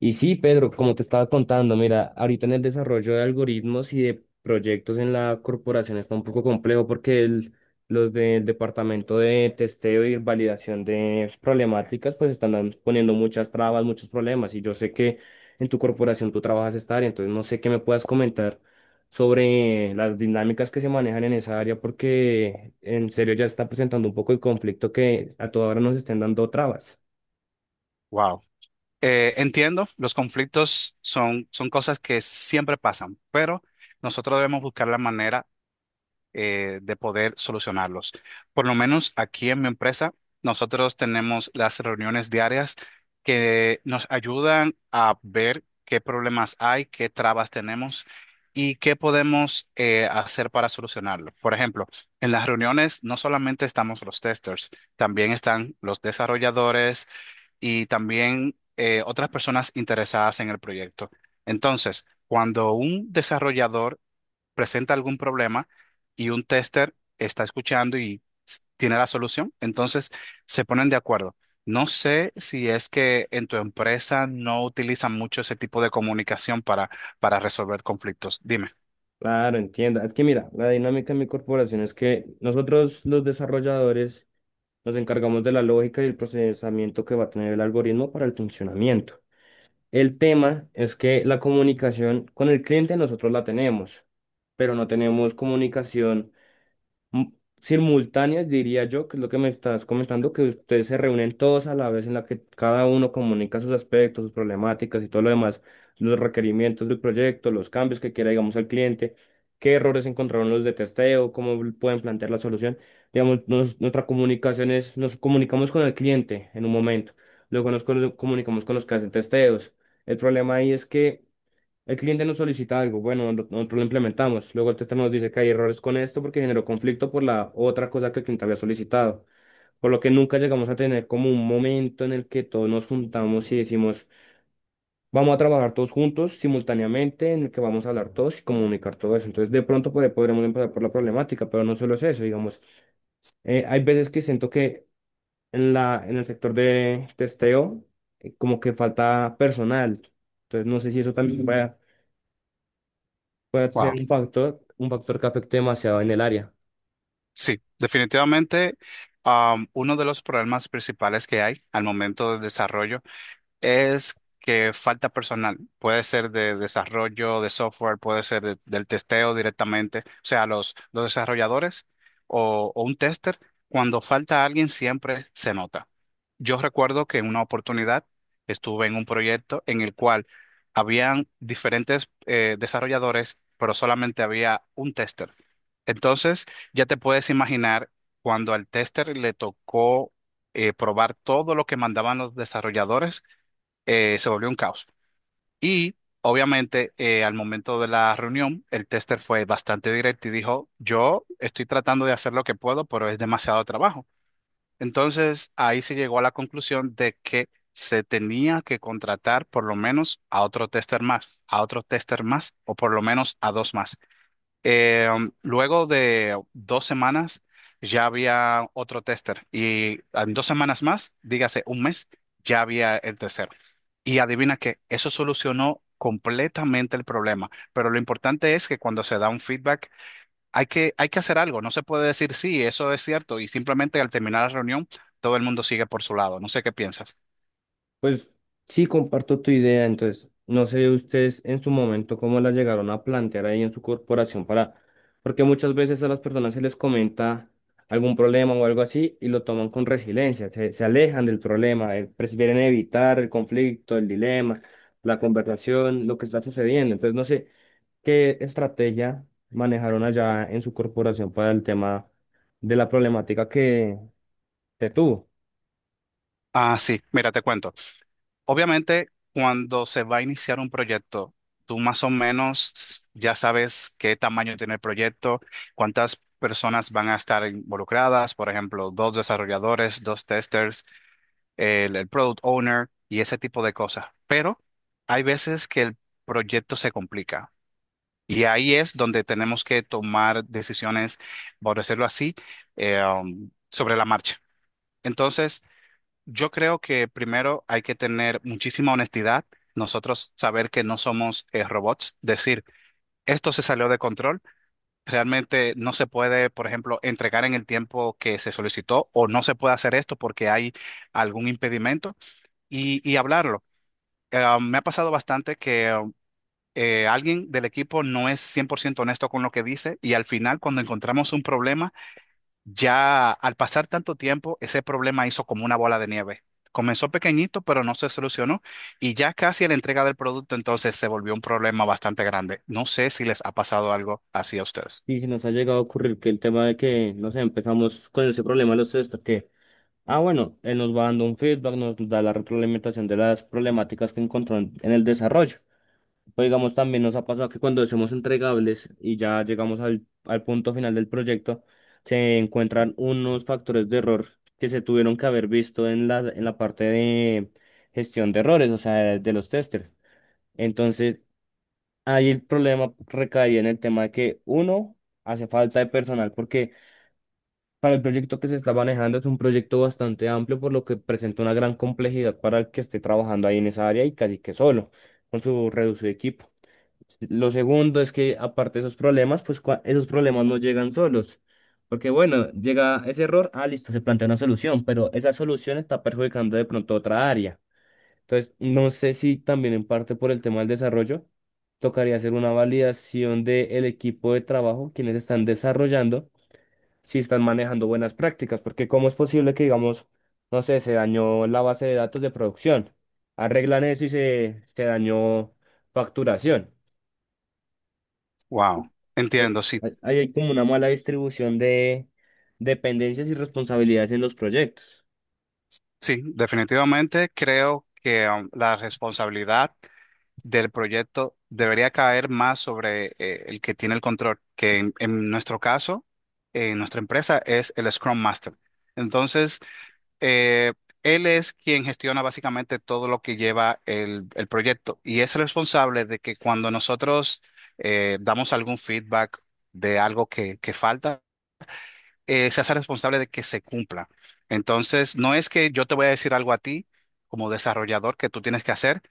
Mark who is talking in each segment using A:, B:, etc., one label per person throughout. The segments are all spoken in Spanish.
A: Y sí, Pedro, como te estaba contando, mira, ahorita en el desarrollo de algoritmos y de proyectos en la corporación está un poco complejo porque los del departamento de testeo y validación de problemáticas pues están poniendo muchas trabas, muchos problemas y yo sé que en tu corporación tú trabajas esta área, entonces no sé qué me puedas comentar sobre las dinámicas que se manejan en esa área porque en serio ya está presentando un poco el conflicto que a toda hora nos estén dando trabas.
B: Wow. Entiendo, los conflictos son cosas que siempre pasan, pero nosotros debemos buscar la manera de poder solucionarlos. Por lo menos aquí en mi empresa, nosotros tenemos las reuniones diarias que nos ayudan a ver qué problemas hay, qué trabas tenemos y qué podemos hacer para solucionarlo. Por ejemplo, en las reuniones no solamente estamos los testers, también están los desarrolladores y también otras personas interesadas en el proyecto. Entonces, cuando un desarrollador presenta algún problema y un tester está escuchando y tiene la solución, entonces se ponen de acuerdo. No sé si es que en tu empresa no utilizan mucho ese tipo de comunicación para resolver conflictos. Dime.
A: Claro, entienda. Es que mira, la dinámica de mi corporación es que nosotros los desarrolladores nos encargamos de la lógica y el procesamiento que va a tener el algoritmo para el funcionamiento. El tema es que la comunicación con el cliente nosotros la tenemos, pero no tenemos comunicación m- simultáneas, diría yo, que es lo que me estás comentando, que ustedes se reúnen todos a la vez en la que cada uno comunica sus aspectos, sus problemáticas y todo lo demás, los requerimientos del proyecto, los cambios que quiera, digamos, el cliente, qué errores encontraron los de testeo, cómo pueden plantear la solución. Digamos, nuestra comunicación es, nos comunicamos con el cliente en un momento, luego nos comunicamos con los que hacen testeos. El problema ahí es que el cliente nos solicita algo, bueno, nosotros lo implementamos. Luego el tester nos dice que hay errores con esto porque generó conflicto por la otra cosa que el cliente había solicitado. Por lo que nunca llegamos a tener como un momento en el que todos nos juntamos y decimos, vamos a trabajar todos juntos simultáneamente, en el que vamos a hablar todos y comunicar todo eso. Entonces, de pronto por ahí podremos empezar por la problemática, pero no solo es eso, digamos. Hay veces que siento que en la, en el sector de testeo, como que falta personal. Entonces, no sé si eso también pueda puede ser
B: Wow.
A: un factor que afecte demasiado en el área.
B: Sí, definitivamente, uno de los problemas principales que hay al momento del desarrollo es que falta personal. Puede ser de desarrollo de software, puede ser del testeo directamente. O sea, los desarrolladores o un tester, cuando falta alguien siempre se nota. Yo recuerdo que en una oportunidad estuve en un proyecto en el cual habían diferentes desarrolladores, pero solamente había un tester. Entonces, ya te puedes imaginar cuando al tester le tocó probar todo lo que mandaban los desarrolladores se volvió un caos. Y obviamente al momento de la reunión, el tester fue bastante directo y dijo, yo estoy tratando de hacer lo que puedo, pero es demasiado trabajo. Entonces ahí se llegó a la conclusión de que se tenía que contratar por lo menos a otro tester más, a otro tester más o por lo menos a dos más. Luego de 2 semanas ya había otro tester y en 2 semanas más, dígase un mes, ya había el tercero. Y adivina que eso solucionó completamente el problema. Pero lo importante es que cuando se da un feedback hay que hacer algo. No se puede decir sí, eso es cierto y simplemente al terminar la reunión todo el mundo sigue por su lado. No sé qué piensas.
A: Pues sí, comparto tu idea, entonces, no sé ustedes en su momento cómo la llegaron a plantear ahí en su corporación para, porque muchas veces a las personas se les comenta algún problema o algo así y lo toman con resiliencia, se alejan del problema, prefieren evitar el conflicto, el dilema, la conversación, lo que está sucediendo. Entonces, no sé qué estrategia manejaron allá en su corporación para el tema de la problemática que te tuvo.
B: Ah, sí, mira, te cuento. Obviamente, cuando se va a iniciar un proyecto, tú más o menos ya sabes qué tamaño tiene el proyecto, cuántas personas van a estar involucradas, por ejemplo, dos desarrolladores, dos testers, el product owner y ese tipo de cosas. Pero hay veces que el proyecto se complica y ahí es donde tenemos que tomar decisiones, por decirlo así, sobre la marcha. Entonces, yo creo que primero hay que tener muchísima honestidad, nosotros saber que no somos robots, decir, esto se salió de control, realmente no se puede, por ejemplo, entregar en el tiempo que se solicitó o no se puede hacer esto porque hay algún impedimento y hablarlo. Me ha pasado bastante que alguien del equipo no es 100% honesto con lo que dice y al final cuando encontramos un problema, ya al pasar tanto tiempo, ese problema hizo como una bola de nieve. Comenzó pequeñito, pero no se solucionó y ya casi a la entrega del producto entonces se volvió un problema bastante grande. No sé si les ha pasado algo así a ustedes.
A: Y si nos ha llegado a ocurrir que el tema de que, no sé, empezamos con ese problema los test, que, ah, bueno, él nos va dando un feedback, nos da la retroalimentación de las problemáticas que encontró en el desarrollo. O digamos, también nos ha pasado que cuando hacemos entregables y ya llegamos al, al punto final del proyecto, se encuentran unos factores de error que se tuvieron que haber visto en la parte de gestión de errores, o sea, de los testers. Entonces, ahí el problema recaía en el tema de que, uno, hace falta de personal, porque para el proyecto que se está manejando es un proyecto bastante amplio, por lo que presenta una gran complejidad para el que esté trabajando ahí en esa área y casi que solo, con su reducido equipo. Lo segundo es que, aparte de esos problemas, pues esos problemas no llegan solos, porque bueno, llega ese error, ah, listo, se plantea una solución, pero esa solución está perjudicando de pronto otra área. Entonces, no sé si también en parte por el tema del desarrollo, tocaría hacer una validación del equipo de trabajo, quienes están desarrollando, si están manejando buenas prácticas, porque cómo es posible que, digamos, no sé, se dañó la base de datos de producción, arreglan eso y se dañó facturación.
B: Wow,
A: Entonces,
B: entiendo, sí.
A: ahí hay como una mala distribución de dependencias y responsabilidades en los proyectos.
B: Sí, definitivamente creo que la responsabilidad del proyecto debería caer más sobre el que tiene el control, que en nuestro caso, en nuestra empresa, es el Scrum Master. Entonces, eh, él es quien gestiona básicamente todo lo que lleva el proyecto y es el responsable de que cuando nosotros damos algún feedback de algo que falta, se hace responsable de que se cumpla. Entonces, no es que yo te voy a decir algo a ti como desarrollador que tú tienes que hacer,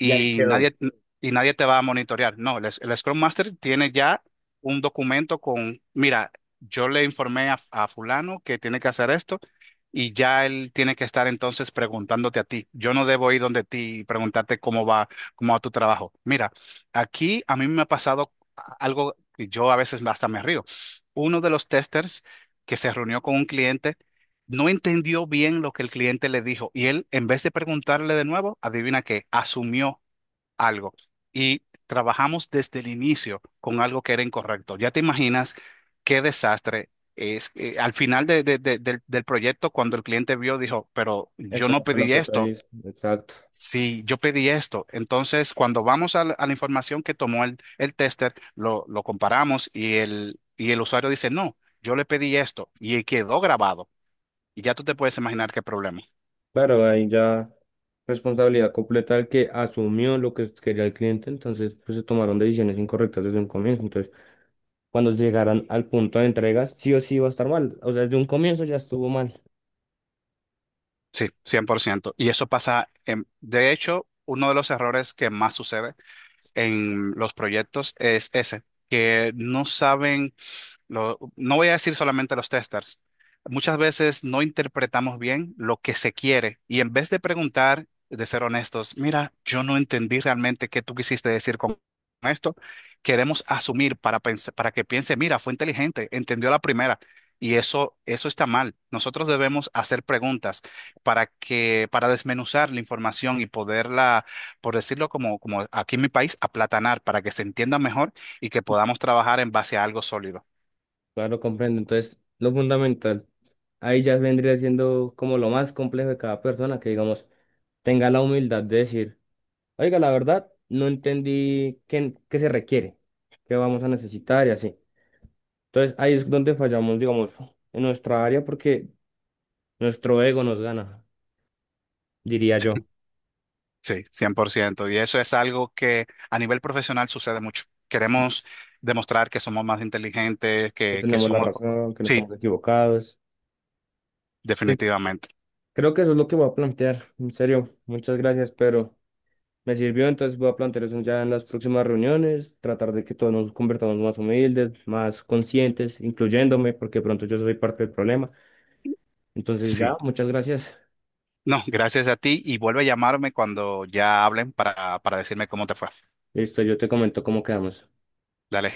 A: Y ahí quedó.
B: nadie, y nadie te va a monitorear. No, el Scrum Master tiene ya un documento con, mira, yo le informé a fulano que tiene que hacer esto y ya él tiene que estar entonces preguntándote a ti. Yo no debo ir donde ti y preguntarte cómo va tu trabajo. Mira, aquí a mí me ha pasado algo que yo a veces hasta me río. Uno de los testers que se reunió con un cliente no entendió bien lo que el cliente le dijo y él, en vez de preguntarle de nuevo, adivina qué, asumió algo y trabajamos desde el inicio con algo que era incorrecto. Ya te imaginas qué desastre es. Al final del proyecto, cuando el cliente vio, dijo, pero yo
A: Esto
B: no
A: fue lo
B: pedí
A: que
B: esto.
A: pedí. Exacto.
B: Sí, yo pedí esto. Entonces, cuando vamos a a la información que tomó el tester, lo comparamos y y el usuario dice, no, yo le pedí esto y quedó grabado. Y ya tú te puedes imaginar qué problema.
A: Claro, ahí ya responsabilidad completa del que asumió lo que quería el cliente, entonces pues se tomaron decisiones incorrectas desde un comienzo. Entonces, cuando llegaran al punto de entregas, sí o sí iba a estar mal. O sea, desde un comienzo ya estuvo mal.
B: Sí, 100%. Y eso pasa, de hecho, uno de los errores que más sucede en los proyectos es ese, que no saben. No voy a decir solamente los testers. Muchas veces no interpretamos bien lo que se quiere y en vez de preguntar, de ser honestos, mira, yo no entendí realmente qué tú quisiste decir con esto, queremos asumir para que piense, mira, fue inteligente, entendió la primera y eso está mal. Nosotros debemos hacer preguntas para desmenuzar la información y poderla, por decirlo como, como aquí en mi país, aplatanar para que se entienda mejor y que podamos trabajar en base a algo sólido.
A: Claro, comprendo. Entonces, lo fundamental, ahí ya vendría siendo como lo más complejo de cada persona, que digamos, tenga la humildad de decir, oiga, la verdad, no entendí qué, qué se requiere, qué vamos a necesitar y así. Entonces, ahí es donde fallamos, digamos, en nuestra área, porque nuestro ego nos gana, diría yo,
B: Sí, 100%. Y eso es algo que a nivel profesional sucede mucho. Queremos demostrar que somos más inteligentes,
A: que
B: que
A: tenemos la
B: somos...
A: razón, que no
B: Sí,
A: estamos equivocados. Entonces,
B: definitivamente.
A: creo que eso es lo que voy a plantear. En serio, muchas gracias, pero me sirvió, entonces voy a plantear eso ya en las próximas reuniones, tratar de que todos nos convertamos más humildes, más conscientes, incluyéndome, porque pronto yo soy parte del problema. Entonces ya,
B: Sí.
A: muchas gracias.
B: No, gracias a ti y vuelve a llamarme cuando ya hablen para decirme cómo te fue.
A: Listo, yo te comento cómo quedamos.
B: Dale.